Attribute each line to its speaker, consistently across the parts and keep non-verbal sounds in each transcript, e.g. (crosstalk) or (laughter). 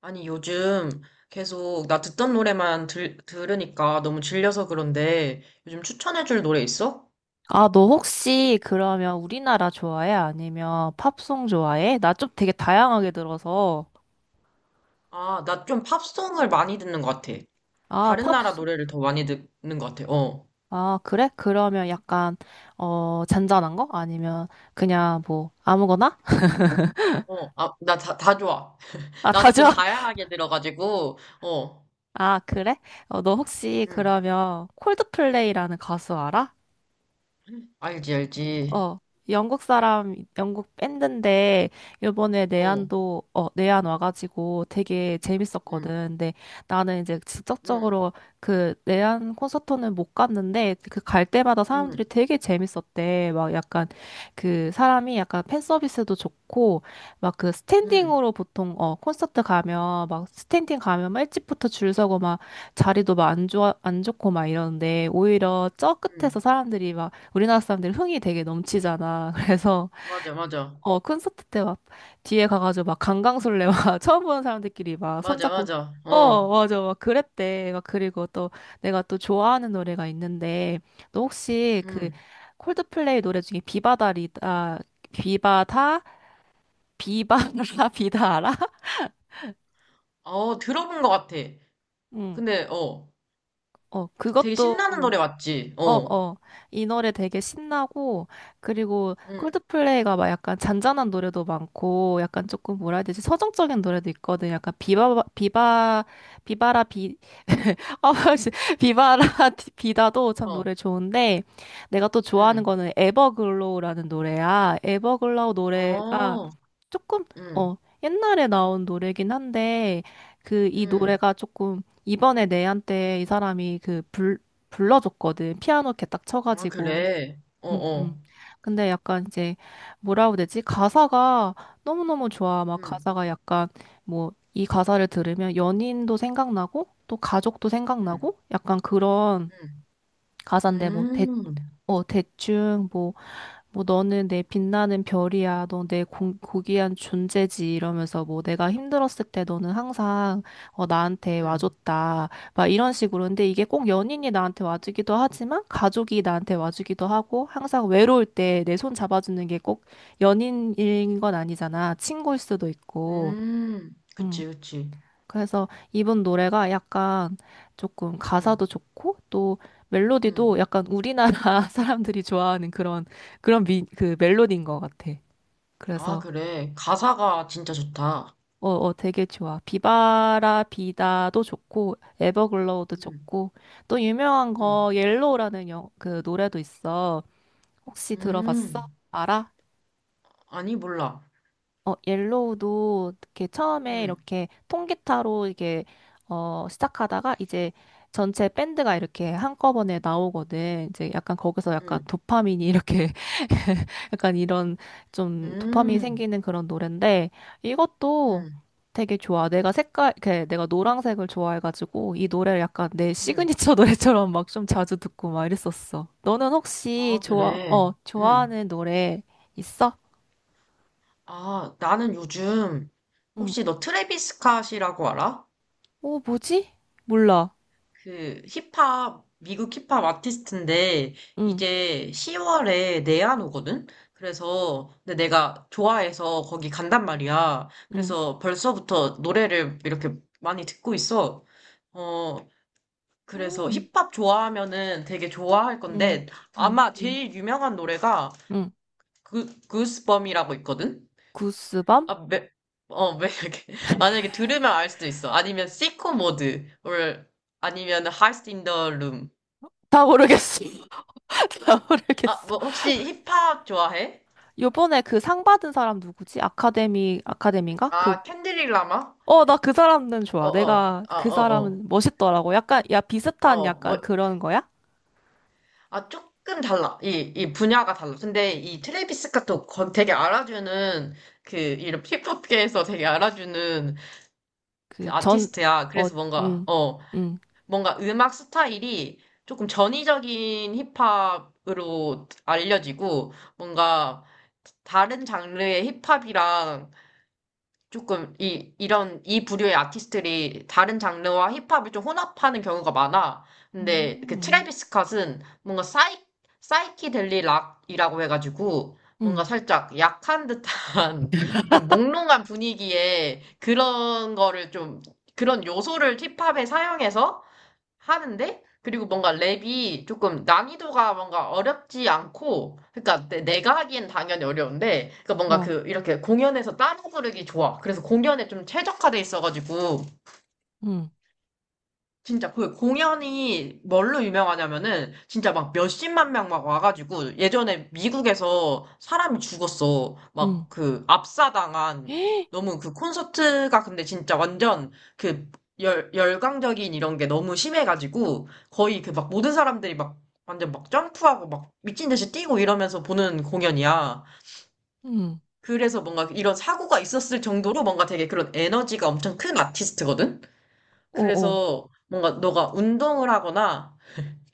Speaker 1: 아니, 요즘 계속 나 듣던 노래만 들으니까 너무 질려서 그런데 요즘 추천해줄 노래 있어?
Speaker 2: 아, 너 혹시 그러면 우리나라 좋아해? 아니면 팝송 좋아해? 나 좀 되게 다양하게 들어서.
Speaker 1: 아, 나 좀 팝송을 많이 듣는 것 같아.
Speaker 2: 아,
Speaker 1: 다른 나라
Speaker 2: 팝송.
Speaker 1: 노래를 더 많이 듣는 것 같아. 어.
Speaker 2: 아, 그래? 그러면 약간, 잔잔한 거? 아니면 그냥 뭐, 아무거나?
Speaker 1: 나 다 좋아. (laughs)
Speaker 2: 아,
Speaker 1: 나도 좀
Speaker 2: 다죠? (laughs)
Speaker 1: 다양하게 들어가지고, 어,
Speaker 2: 아, 그래? 너 혹시
Speaker 1: 음,
Speaker 2: 그러면 콜드플레이라는 가수 알아?
Speaker 1: 알지, 알지.
Speaker 2: 어, 영국 사람, 영국 밴드인데, 요번에
Speaker 1: 어,
Speaker 2: 내한 와가지고 되게
Speaker 1: 음,
Speaker 2: 재밌었거든. 근데 나는 이제
Speaker 1: 음,
Speaker 2: 직접적으로 그 내한 콘서트는 못 갔는데, 그 갈 때마다
Speaker 1: 음,
Speaker 2: 사람들이 되게 재밌었대. 막 약간 그 사람이 약간 팬 서비스도 좋고, 막 그
Speaker 1: 음,
Speaker 2: 스탠딩으로 보통, 콘서트 가면, 막 스탠딩 가면 막 일찍부터 줄 서고 막 자리도 막 안 좋고 막 이러는데, 오히려 저 끝에서
Speaker 1: 음.
Speaker 2: 사람들이 막 우리나라 사람들이 흥이 되게 넘치잖아. (laughs) 그래서
Speaker 1: 맞아, 맞아.
Speaker 2: 어 콘서트 때 막 뒤에 가가지고 막 강강술래 막 (laughs) 처음 보는 사람들끼리 막
Speaker 1: 맞아,
Speaker 2: 손잡고
Speaker 1: 맞아.
Speaker 2: 어
Speaker 1: 어,
Speaker 2: 맞아 막 그랬대. 막 그리고 또 내가 또 좋아하는 노래가 있는데 너 혹시 그
Speaker 1: 음.
Speaker 2: 콜드플레이 노래 중에 비바다리다 비바다 비바라 (laughs) 비다 알아?
Speaker 1: 어, 들어본 것 같아.
Speaker 2: 응.
Speaker 1: 근데, 어.
Speaker 2: 어
Speaker 1: 되게
Speaker 2: 그것도
Speaker 1: 신나는 노래 맞지?
Speaker 2: 어,
Speaker 1: 어.
Speaker 2: 어. 이 노래 되게 신나고, 그리고
Speaker 1: 응.
Speaker 2: 콜드플레이가 막 약간 잔잔한 노래도 많고, 약간 조금 뭐라 해야 되지? 서정적인 노래도 있거든. 약간 비바라 비, (laughs) 아, 씨. 비바라 (laughs) 비다도 참
Speaker 1: 어.
Speaker 2: 노래 좋은데, 내가 또
Speaker 1: 응.
Speaker 2: 좋아하는 거는 에버글로우라는 노래야. 에버글로우 노래가
Speaker 1: 어.
Speaker 2: 조금,
Speaker 1: 응.
Speaker 2: 어, 옛날에 나온 노래긴 한데, 그, 이
Speaker 1: 응.
Speaker 2: 노래가 조금, 이번에 내한테 이 사람이 불러줬거든. 피아노 이렇게 딱
Speaker 1: 아,
Speaker 2: 쳐가지고.
Speaker 1: 그래. 어,
Speaker 2: 응, 응.
Speaker 1: 어.
Speaker 2: 근데 약간 이제, 뭐라고 해야 되지? 가사가 너무너무 좋아. 막
Speaker 1: 응.
Speaker 2: 가사가 약간, 뭐, 이 가사를 들으면 연인도 생각나고, 또 가족도
Speaker 1: 응.
Speaker 2: 생각나고, 약간 그런
Speaker 1: 응.
Speaker 2: 가사인데,
Speaker 1: 음.
Speaker 2: 대충, 뭐, 뭐 너는 내 빛나는 별이야. 너 내 고귀한 존재지. 이러면서 뭐 내가 힘들었을 때 너는 항상 나한테
Speaker 1: 응.
Speaker 2: 와줬다. 막 이런 식으로. 근데 이게 꼭 연인이 나한테 와주기도 하지만 가족이 나한테 와주기도 하고 항상 외로울 때 내 손 잡아주는 게 꼭 연인인 건 아니잖아. 친구일 수도 있고.
Speaker 1: 음.
Speaker 2: 음.
Speaker 1: 그치, 그치.
Speaker 2: 그래서 이번 노래가 약간 조금
Speaker 1: 응.
Speaker 2: 가사도 좋고 또
Speaker 1: 응.
Speaker 2: 멜로디도 약간 우리나라 (laughs) 사람들이 좋아하는 그런 그 멜로디인 것 같아.
Speaker 1: 아,
Speaker 2: 그래서
Speaker 1: 그래. 가사가 진짜 좋다.
Speaker 2: 어, 어 되게 좋아. 비바라 비다도 좋고 에버글로우도
Speaker 1: 응.
Speaker 2: 좋고 또 유명한
Speaker 1: 응.
Speaker 2: 거 그 노래도 있어. 혹시 들어봤어?
Speaker 1: 음.
Speaker 2: 알아?
Speaker 1: 아니, 몰라.
Speaker 2: 옐로우도 이렇게 처음에
Speaker 1: 응.
Speaker 2: 이렇게 통기타로 이게 시작하다가 이제 전체 밴드가 이렇게 한꺼번에 나오거든. 이제 약간 거기서 약간
Speaker 1: 응.
Speaker 2: 도파민이 이렇게 (laughs) 약간 이런 좀 도파민이
Speaker 1: 음.
Speaker 2: 생기는 그런 노래인데 이것도
Speaker 1: 응.
Speaker 2: 되게 좋아. 내가 이렇게 내가 노란색을 좋아해가지고 이 노래를 약간 내
Speaker 1: 응.
Speaker 2: 시그니처 (laughs) 노래처럼 막 좀 자주 듣고 막 이랬었어. 너는 혹시
Speaker 1: 아,
Speaker 2: 좋아,
Speaker 1: 그래.
Speaker 2: 어,
Speaker 1: 응.
Speaker 2: 좋아하는 노래 있어?
Speaker 1: 아, 나는 요즘
Speaker 2: 응.
Speaker 1: 혹시 너 트래비스 스캇이라고 알아?
Speaker 2: 어, 뭐지? 몰라.
Speaker 1: 그 힙합, 미국 힙합 아티스트인데
Speaker 2: 응,
Speaker 1: 이제 10월에 내한 오거든? 그래서 근데 내가 좋아해서 거기 간단 말이야.
Speaker 2: 응,
Speaker 1: 그래서 벌써부터 노래를 이렇게 많이 듣고 있어. 어, 그래서
Speaker 2: 응,
Speaker 1: 힙합 좋아하면은 되게 좋아할
Speaker 2: 응,
Speaker 1: 건데
Speaker 2: 응,
Speaker 1: 아마
Speaker 2: 응,
Speaker 1: 제일 유명한 노래가
Speaker 2: 응.
Speaker 1: 그, 구스범이라고 있거든?
Speaker 2: 구스밤?
Speaker 1: 아, 매, 이렇게 (laughs) 만약에 들으면 알 수도 있어. 아니면 시코 모드를 아니면 하이스트 인더 룸
Speaker 2: 다 모르겠어. (laughs) 다
Speaker 1: 아,
Speaker 2: 모르겠어.
Speaker 1: 뭐, 혹시 힙합 좋아해?
Speaker 2: 요번에 그 상 받은 사람 누구지? 아카데미인가? 그,
Speaker 1: 아, 캔디릭 라마?
Speaker 2: 어, 나 그 사람은
Speaker 1: 어,
Speaker 2: 좋아.
Speaker 1: 어,
Speaker 2: 내가
Speaker 1: 아,
Speaker 2: 그
Speaker 1: 어, 어.
Speaker 2: 사람은 멋있더라고. 약간, 야, 비슷한
Speaker 1: 어,
Speaker 2: 약간
Speaker 1: 뭐,
Speaker 2: 그런 거야?
Speaker 1: 아, 조금 달라. 이 분야가 달라. 근데 이 트래비스 스캇도 거- 되게 알아주는, 그, 이런 힙합계에서 되게 알아주는 그
Speaker 2: 그 전,
Speaker 1: 아티스트야.
Speaker 2: 어,
Speaker 1: 그래서 뭔가,
Speaker 2: 응,
Speaker 1: 어,
Speaker 2: 응,
Speaker 1: 뭔가 음악 스타일이 조금 전위적인 힙합으로 알려지고, 뭔가 다른 장르의 힙합이랑 조금 이 이런 이 부류의 아티스트들이 다른 장르와 힙합을 좀 혼합하는 경우가 많아. 근데 그
Speaker 2: 응,
Speaker 1: 트래비스 스캇은 뭔가 사이키델리 락이라고 해가지고
Speaker 2: 응,
Speaker 1: 뭔가 살짝 약한 듯한 (laughs) 좀 몽롱한 분위기에 그런 거를 좀 그런 요소를 힙합에 사용해서 하는데 그리고 뭔가 랩이 조금 난이도가 뭔가 어렵지 않고 그러니까 내- 내가 하기엔 당연히 어려운데 그러니까 뭔가
Speaker 2: 어,
Speaker 1: 그 이렇게 공연에서 따라 부르기 좋아. 그래서 공연에 좀 최적화돼 있어가지고
Speaker 2: 응,
Speaker 1: 진짜 그 공연이 뭘로 유명하냐면은 진짜 막 몇십만 명 막 와가지고 예전에 미국에서 사람이 죽었어.
Speaker 2: 응,
Speaker 1: 막 그 압사당한
Speaker 2: (gasps)
Speaker 1: 너무 그 콘서트가 근데 진짜 완전 그 열광적인 이런 게 너무 심해가지고 거의 그 막 모든 사람들이 막 완전 막 점프하고 막 미친 듯이 뛰고 이러면서 보는 공연이야.
Speaker 2: 응,
Speaker 1: 그래서 뭔가 이런 사고가 있었을 정도로 뭔가 되게 그런 에너지가 엄청 큰 아티스트거든?
Speaker 2: 어, 어.
Speaker 1: 그래서 뭔가 너가 운동을 하거나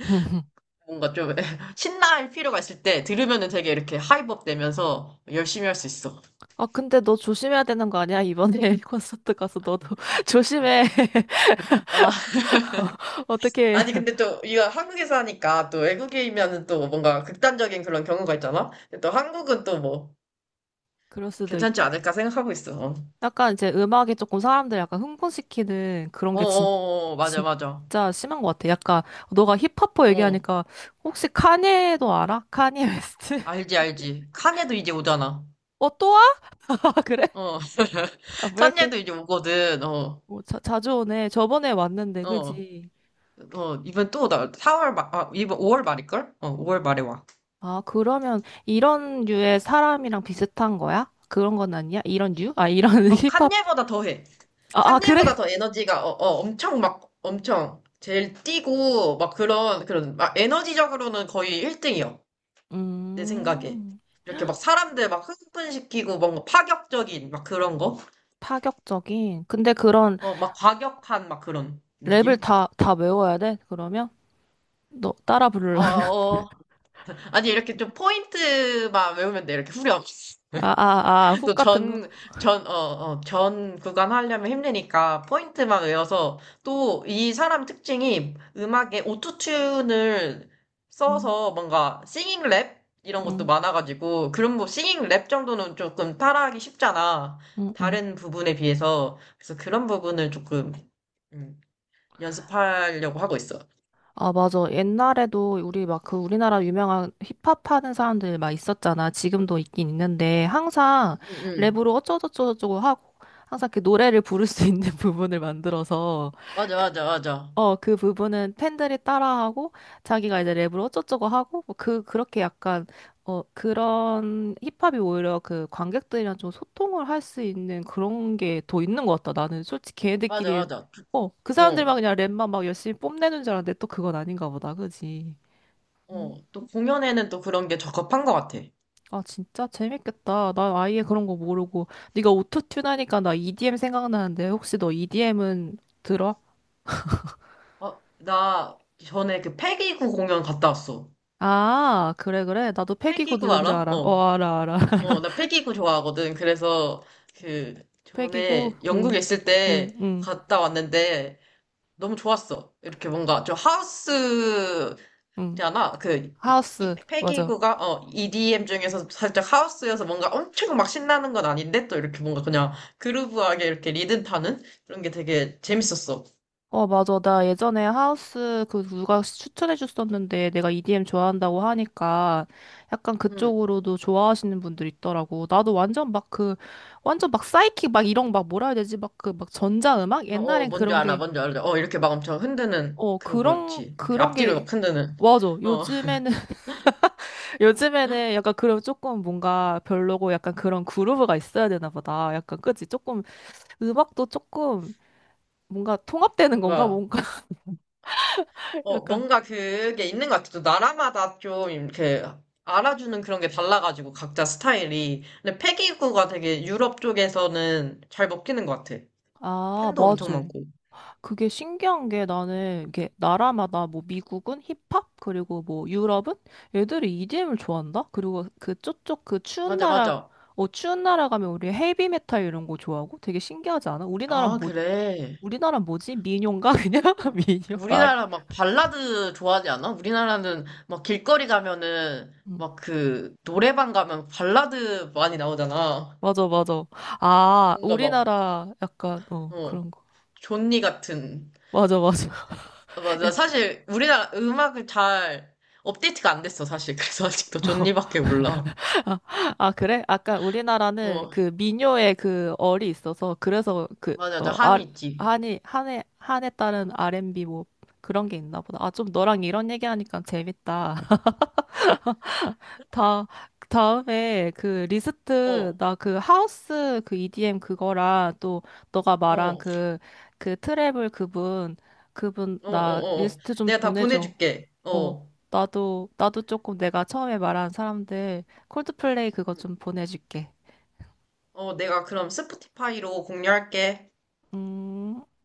Speaker 2: (laughs)
Speaker 1: 뭔가 좀 (laughs) 신나할 필요가 있을 때 들으면은 되게 이렇게 하이법 되면서 열심히 할 수 있어.
Speaker 2: 아, 근데 너 조심해야 되는 거 아니야? 이번에 (laughs) 콘서트 가서 너도 (laughs) 조심해. (laughs)
Speaker 1: 아,
Speaker 2: 어, 어떻게
Speaker 1: 아니 근데 또 이거 한국에서 하니까 또 외국이면은 또 뭔가 극단적인 그런 경우가 있잖아. 근데 또 한국은 또 뭐
Speaker 2: 그럴 수도 있.
Speaker 1: 괜찮지 않을까 생각하고 있어.
Speaker 2: 약간 이제 음악이 조금 사람들 약간 흥분시키는 그런
Speaker 1: 맞아, 맞아.
Speaker 2: 진짜 심한 것 같아. 약간 너가 힙합퍼
Speaker 1: 어,
Speaker 2: 얘기하니까 혹시 카니에도 알아? 카니 웨스트? (laughs)
Speaker 1: 알지, 알지. 칸예도 이제 오잖아.
Speaker 2: 어, 또 와? (laughs) 아, 그래?
Speaker 1: 어,
Speaker 2: 아,
Speaker 1: (laughs)
Speaker 2: 왜 이렇게
Speaker 1: 칸예도 이제 오거든. 어,
Speaker 2: 뭐 자주 오네. 저번에 왔는데,
Speaker 1: 어.
Speaker 2: 그지?
Speaker 1: 어, 이번 또 나, 사월 말, 아, 이번 5월 말일걸? 어, 5월 말에 와.
Speaker 2: 아, 그러면 이런 류의 사람이랑 비슷한 거야? 그런 건 아니야? 이런 류? 아, 이런 (laughs)
Speaker 1: 어,
Speaker 2: 힙합.
Speaker 1: 칸예보다 더해.
Speaker 2: 아, 아,
Speaker 1: 칸예보다
Speaker 2: 그래?
Speaker 1: 더 에너지가, 엄청 막, 엄청, 제일 뛰고, 막 막 에너지적으로는 거의 1등이요. 내 생각에.
Speaker 2: 음,
Speaker 1: 이렇게 막 사람들 막 흥분시키고, 뭔가 파격적인, 막 그런 거?
Speaker 2: 파격적인. 근데 그런
Speaker 1: 어, 막 과격한, 막 그런
Speaker 2: 랩을
Speaker 1: 느낌?
Speaker 2: 다 외워야 돼? 그러면? 너 따라
Speaker 1: 어,
Speaker 2: 부르려면? (laughs)
Speaker 1: 어. 아니, 이렇게 좀 포인트만 외우면 돼. 이렇게 후렴.
Speaker 2: 아, 아, 아, 훅
Speaker 1: 또
Speaker 2: 같은 거?
Speaker 1: 전, 전, 어, 어, 전 구간 하려면 힘드니까 포인트만 외워서 또 이 사람 특징이 음악에 오토튠을
Speaker 2: 음,
Speaker 1: 써서 뭔가 싱잉 랩 이런 것도
Speaker 2: 음,
Speaker 1: 많아가지고 그런 뭐 싱잉 랩 정도는 조금 따라하기 쉽잖아.
Speaker 2: 음, 음.
Speaker 1: 다른 부분에 비해서. 그래서 그런 부분을 조금 음, 연습하려고 하고 있어.
Speaker 2: 아, 맞아. 옛날에도 우리 막 그 우리나라 유명한 힙합 하는 사람들 막 있었잖아. 지금도 있긴 있는데 항상
Speaker 1: 응, 응.
Speaker 2: 랩으로 어쩌고저쩌고 하고 항상 그 노래를 부를 수 있는 (laughs) 부분을 만들어서
Speaker 1: 맞아, 맞아, 맞아.
Speaker 2: 그 부분은 팬들이 따라하고 자기가 이제 랩으로 어쩌고저쩌고 하고 뭐 그 그렇게 약간 어 그런 힙합이 오히려 그 관객들이랑 좀 소통을 할 수 있는 그런 게 더 있는 것 같다. 나는 솔직히
Speaker 1: 맞아,
Speaker 2: 걔네들끼리
Speaker 1: 맞아.
Speaker 2: 그
Speaker 1: 어,
Speaker 2: 사람들만 그냥 랩만 막 열심히 뽐내는 줄 알았는데 또 그건 아닌가 보다. 그지?
Speaker 1: 어.
Speaker 2: 음,
Speaker 1: 또 공연에는 또 그런 게 적합한 것 같아.
Speaker 2: 아 진짜 재밌겠다. 난 아예 그런 거 모르고 네가 오토튠 하니까 나 EDM 생각나는데 혹시 너 EDM은 들어?
Speaker 1: 어, 나 전에 그 패기구 공연 갔다 왔어.
Speaker 2: 아, 그래, 그래. 나도 패기고
Speaker 1: 패기구
Speaker 2: 누군지
Speaker 1: 알아?
Speaker 2: 알아. 어,
Speaker 1: 어.
Speaker 2: 알아, 알아.
Speaker 1: 어, 나 패기구 좋아하거든. 그래서 그
Speaker 2: 100이고
Speaker 1: 전에 영국에
Speaker 2: 응
Speaker 1: 있을 때
Speaker 2: 응응응
Speaker 1: 갔다 왔는데 너무 좋았어. 이렇게 뭔가 좀 하우스잖아.
Speaker 2: 하우스 맞아
Speaker 1: 패기구가 어, EDM 중에서 살짝 하우스여서 뭔가 엄청 막 신나는 건 아닌데 또 이렇게 뭔가 그냥 그루브하게 이렇게 리듬 타는 그런 게 되게 재밌었어.
Speaker 2: 어 맞아 나 예전에 하우스 그 누가 추천해줬었는데 내가 EDM 좋아한다고 하니까 약간
Speaker 1: 음.
Speaker 2: 그쪽으로도 좋아하시는 분들이 있더라고 나도 완전 막 그 완전 막 사이킥 막 이런 막 뭐라 해야 되지 막 그 막 전자음악? 옛날엔
Speaker 1: 뭔지
Speaker 2: 그런
Speaker 1: 알아, 뭔지 알아. 어, 이렇게 막 엄청
Speaker 2: 게
Speaker 1: 흔드는
Speaker 2: 어 그런
Speaker 1: 그거지. 이렇게
Speaker 2: 그런
Speaker 1: 앞뒤로
Speaker 2: 게
Speaker 1: 막 흔드는.
Speaker 2: 맞아
Speaker 1: 어,
Speaker 2: 요즘에는 (laughs) 요즘에는 약간 그럼 조금 뭔가 별로고 약간 그런 그루브가 있어야 되나 보다 약간 그치 조금 음악도 조금 뭔가 통합되는 건가?
Speaker 1: 뭔가,
Speaker 2: 뭔가 (laughs) 약간
Speaker 1: 뭔가 그게 있는 것 같아. 또 나라마다 좀 이렇게 알아주는 그런 게 달라가지고, 각자 스타일이. 근데 패기구가 되게 유럽 쪽에서는 잘 먹히는 것 같아.
Speaker 2: 아,
Speaker 1: 팬도 엄청
Speaker 2: 맞아.
Speaker 1: 많고.
Speaker 2: 그게 신기한 게 나는 이게 나라마다 뭐 미국은 힙합 그리고 뭐 유럽은 애들이 EDM을 좋아한다. 그리고 그 쪽쪽 그 추운
Speaker 1: 맞아,
Speaker 2: 나라
Speaker 1: 맞아.
Speaker 2: 어 추운 나라 가면 우리 헤비메탈 이런 거 좋아하고 되게 신기하지 않아?
Speaker 1: 아, 그래.
Speaker 2: 우리나라 뭐지? 민요인가 (laughs) 그냥
Speaker 1: 우-
Speaker 2: 민요 아리.
Speaker 1: 우리나라 막 발라드 좋아하지 않아? 우리나라는 막 길거리 가면은
Speaker 2: 음.
Speaker 1: 막 그 노래방 가면 발라드 많이 나오잖아.
Speaker 2: 맞아 맞아. 아,
Speaker 1: 뭔가 막,
Speaker 2: 우리나라 약간 어
Speaker 1: 어,
Speaker 2: 그런 거.
Speaker 1: 존니 같은.
Speaker 2: 맞아 맞아.
Speaker 1: 아,
Speaker 2: (laughs) 예.
Speaker 1: 맞아. 사실, 우리나라 음악을 잘 업데이트가 안 됐어, 사실. (laughs) 그래서 아직도 존니밖에 몰라.
Speaker 2: 아, 아, 그래? 아까 우리나라는
Speaker 1: 어,
Speaker 2: 그 민요의 그 얼이 있어서 그래서 그,
Speaker 1: 맞아, 맞아.
Speaker 2: 어, 아,
Speaker 1: 한이 있지.
Speaker 2: 한에 따른 R&B 뭐 그런 게 있나 보다. 아, 좀 너랑 이런 얘기하니까 재밌다. (laughs) 다, 다음에 그
Speaker 1: 어,
Speaker 2: 리스트,
Speaker 1: 어,
Speaker 2: 나 그 하우스 그 EDM 그거랑 또 너가 말한
Speaker 1: 어,
Speaker 2: 그, 그 트래블 그분, 그분
Speaker 1: 어,
Speaker 2: 나
Speaker 1: 어. 어.
Speaker 2: 리스트 좀
Speaker 1: 내가 다
Speaker 2: 보내줘.
Speaker 1: 보내줄게.
Speaker 2: 어,
Speaker 1: 어,
Speaker 2: 나도 조금 내가 처음에 말한 사람들 콜드플레이 그거
Speaker 1: 음.
Speaker 2: 좀 보내줄게.
Speaker 1: 어, 내가 그럼 스포티파이로 공유할게.
Speaker 2: 음,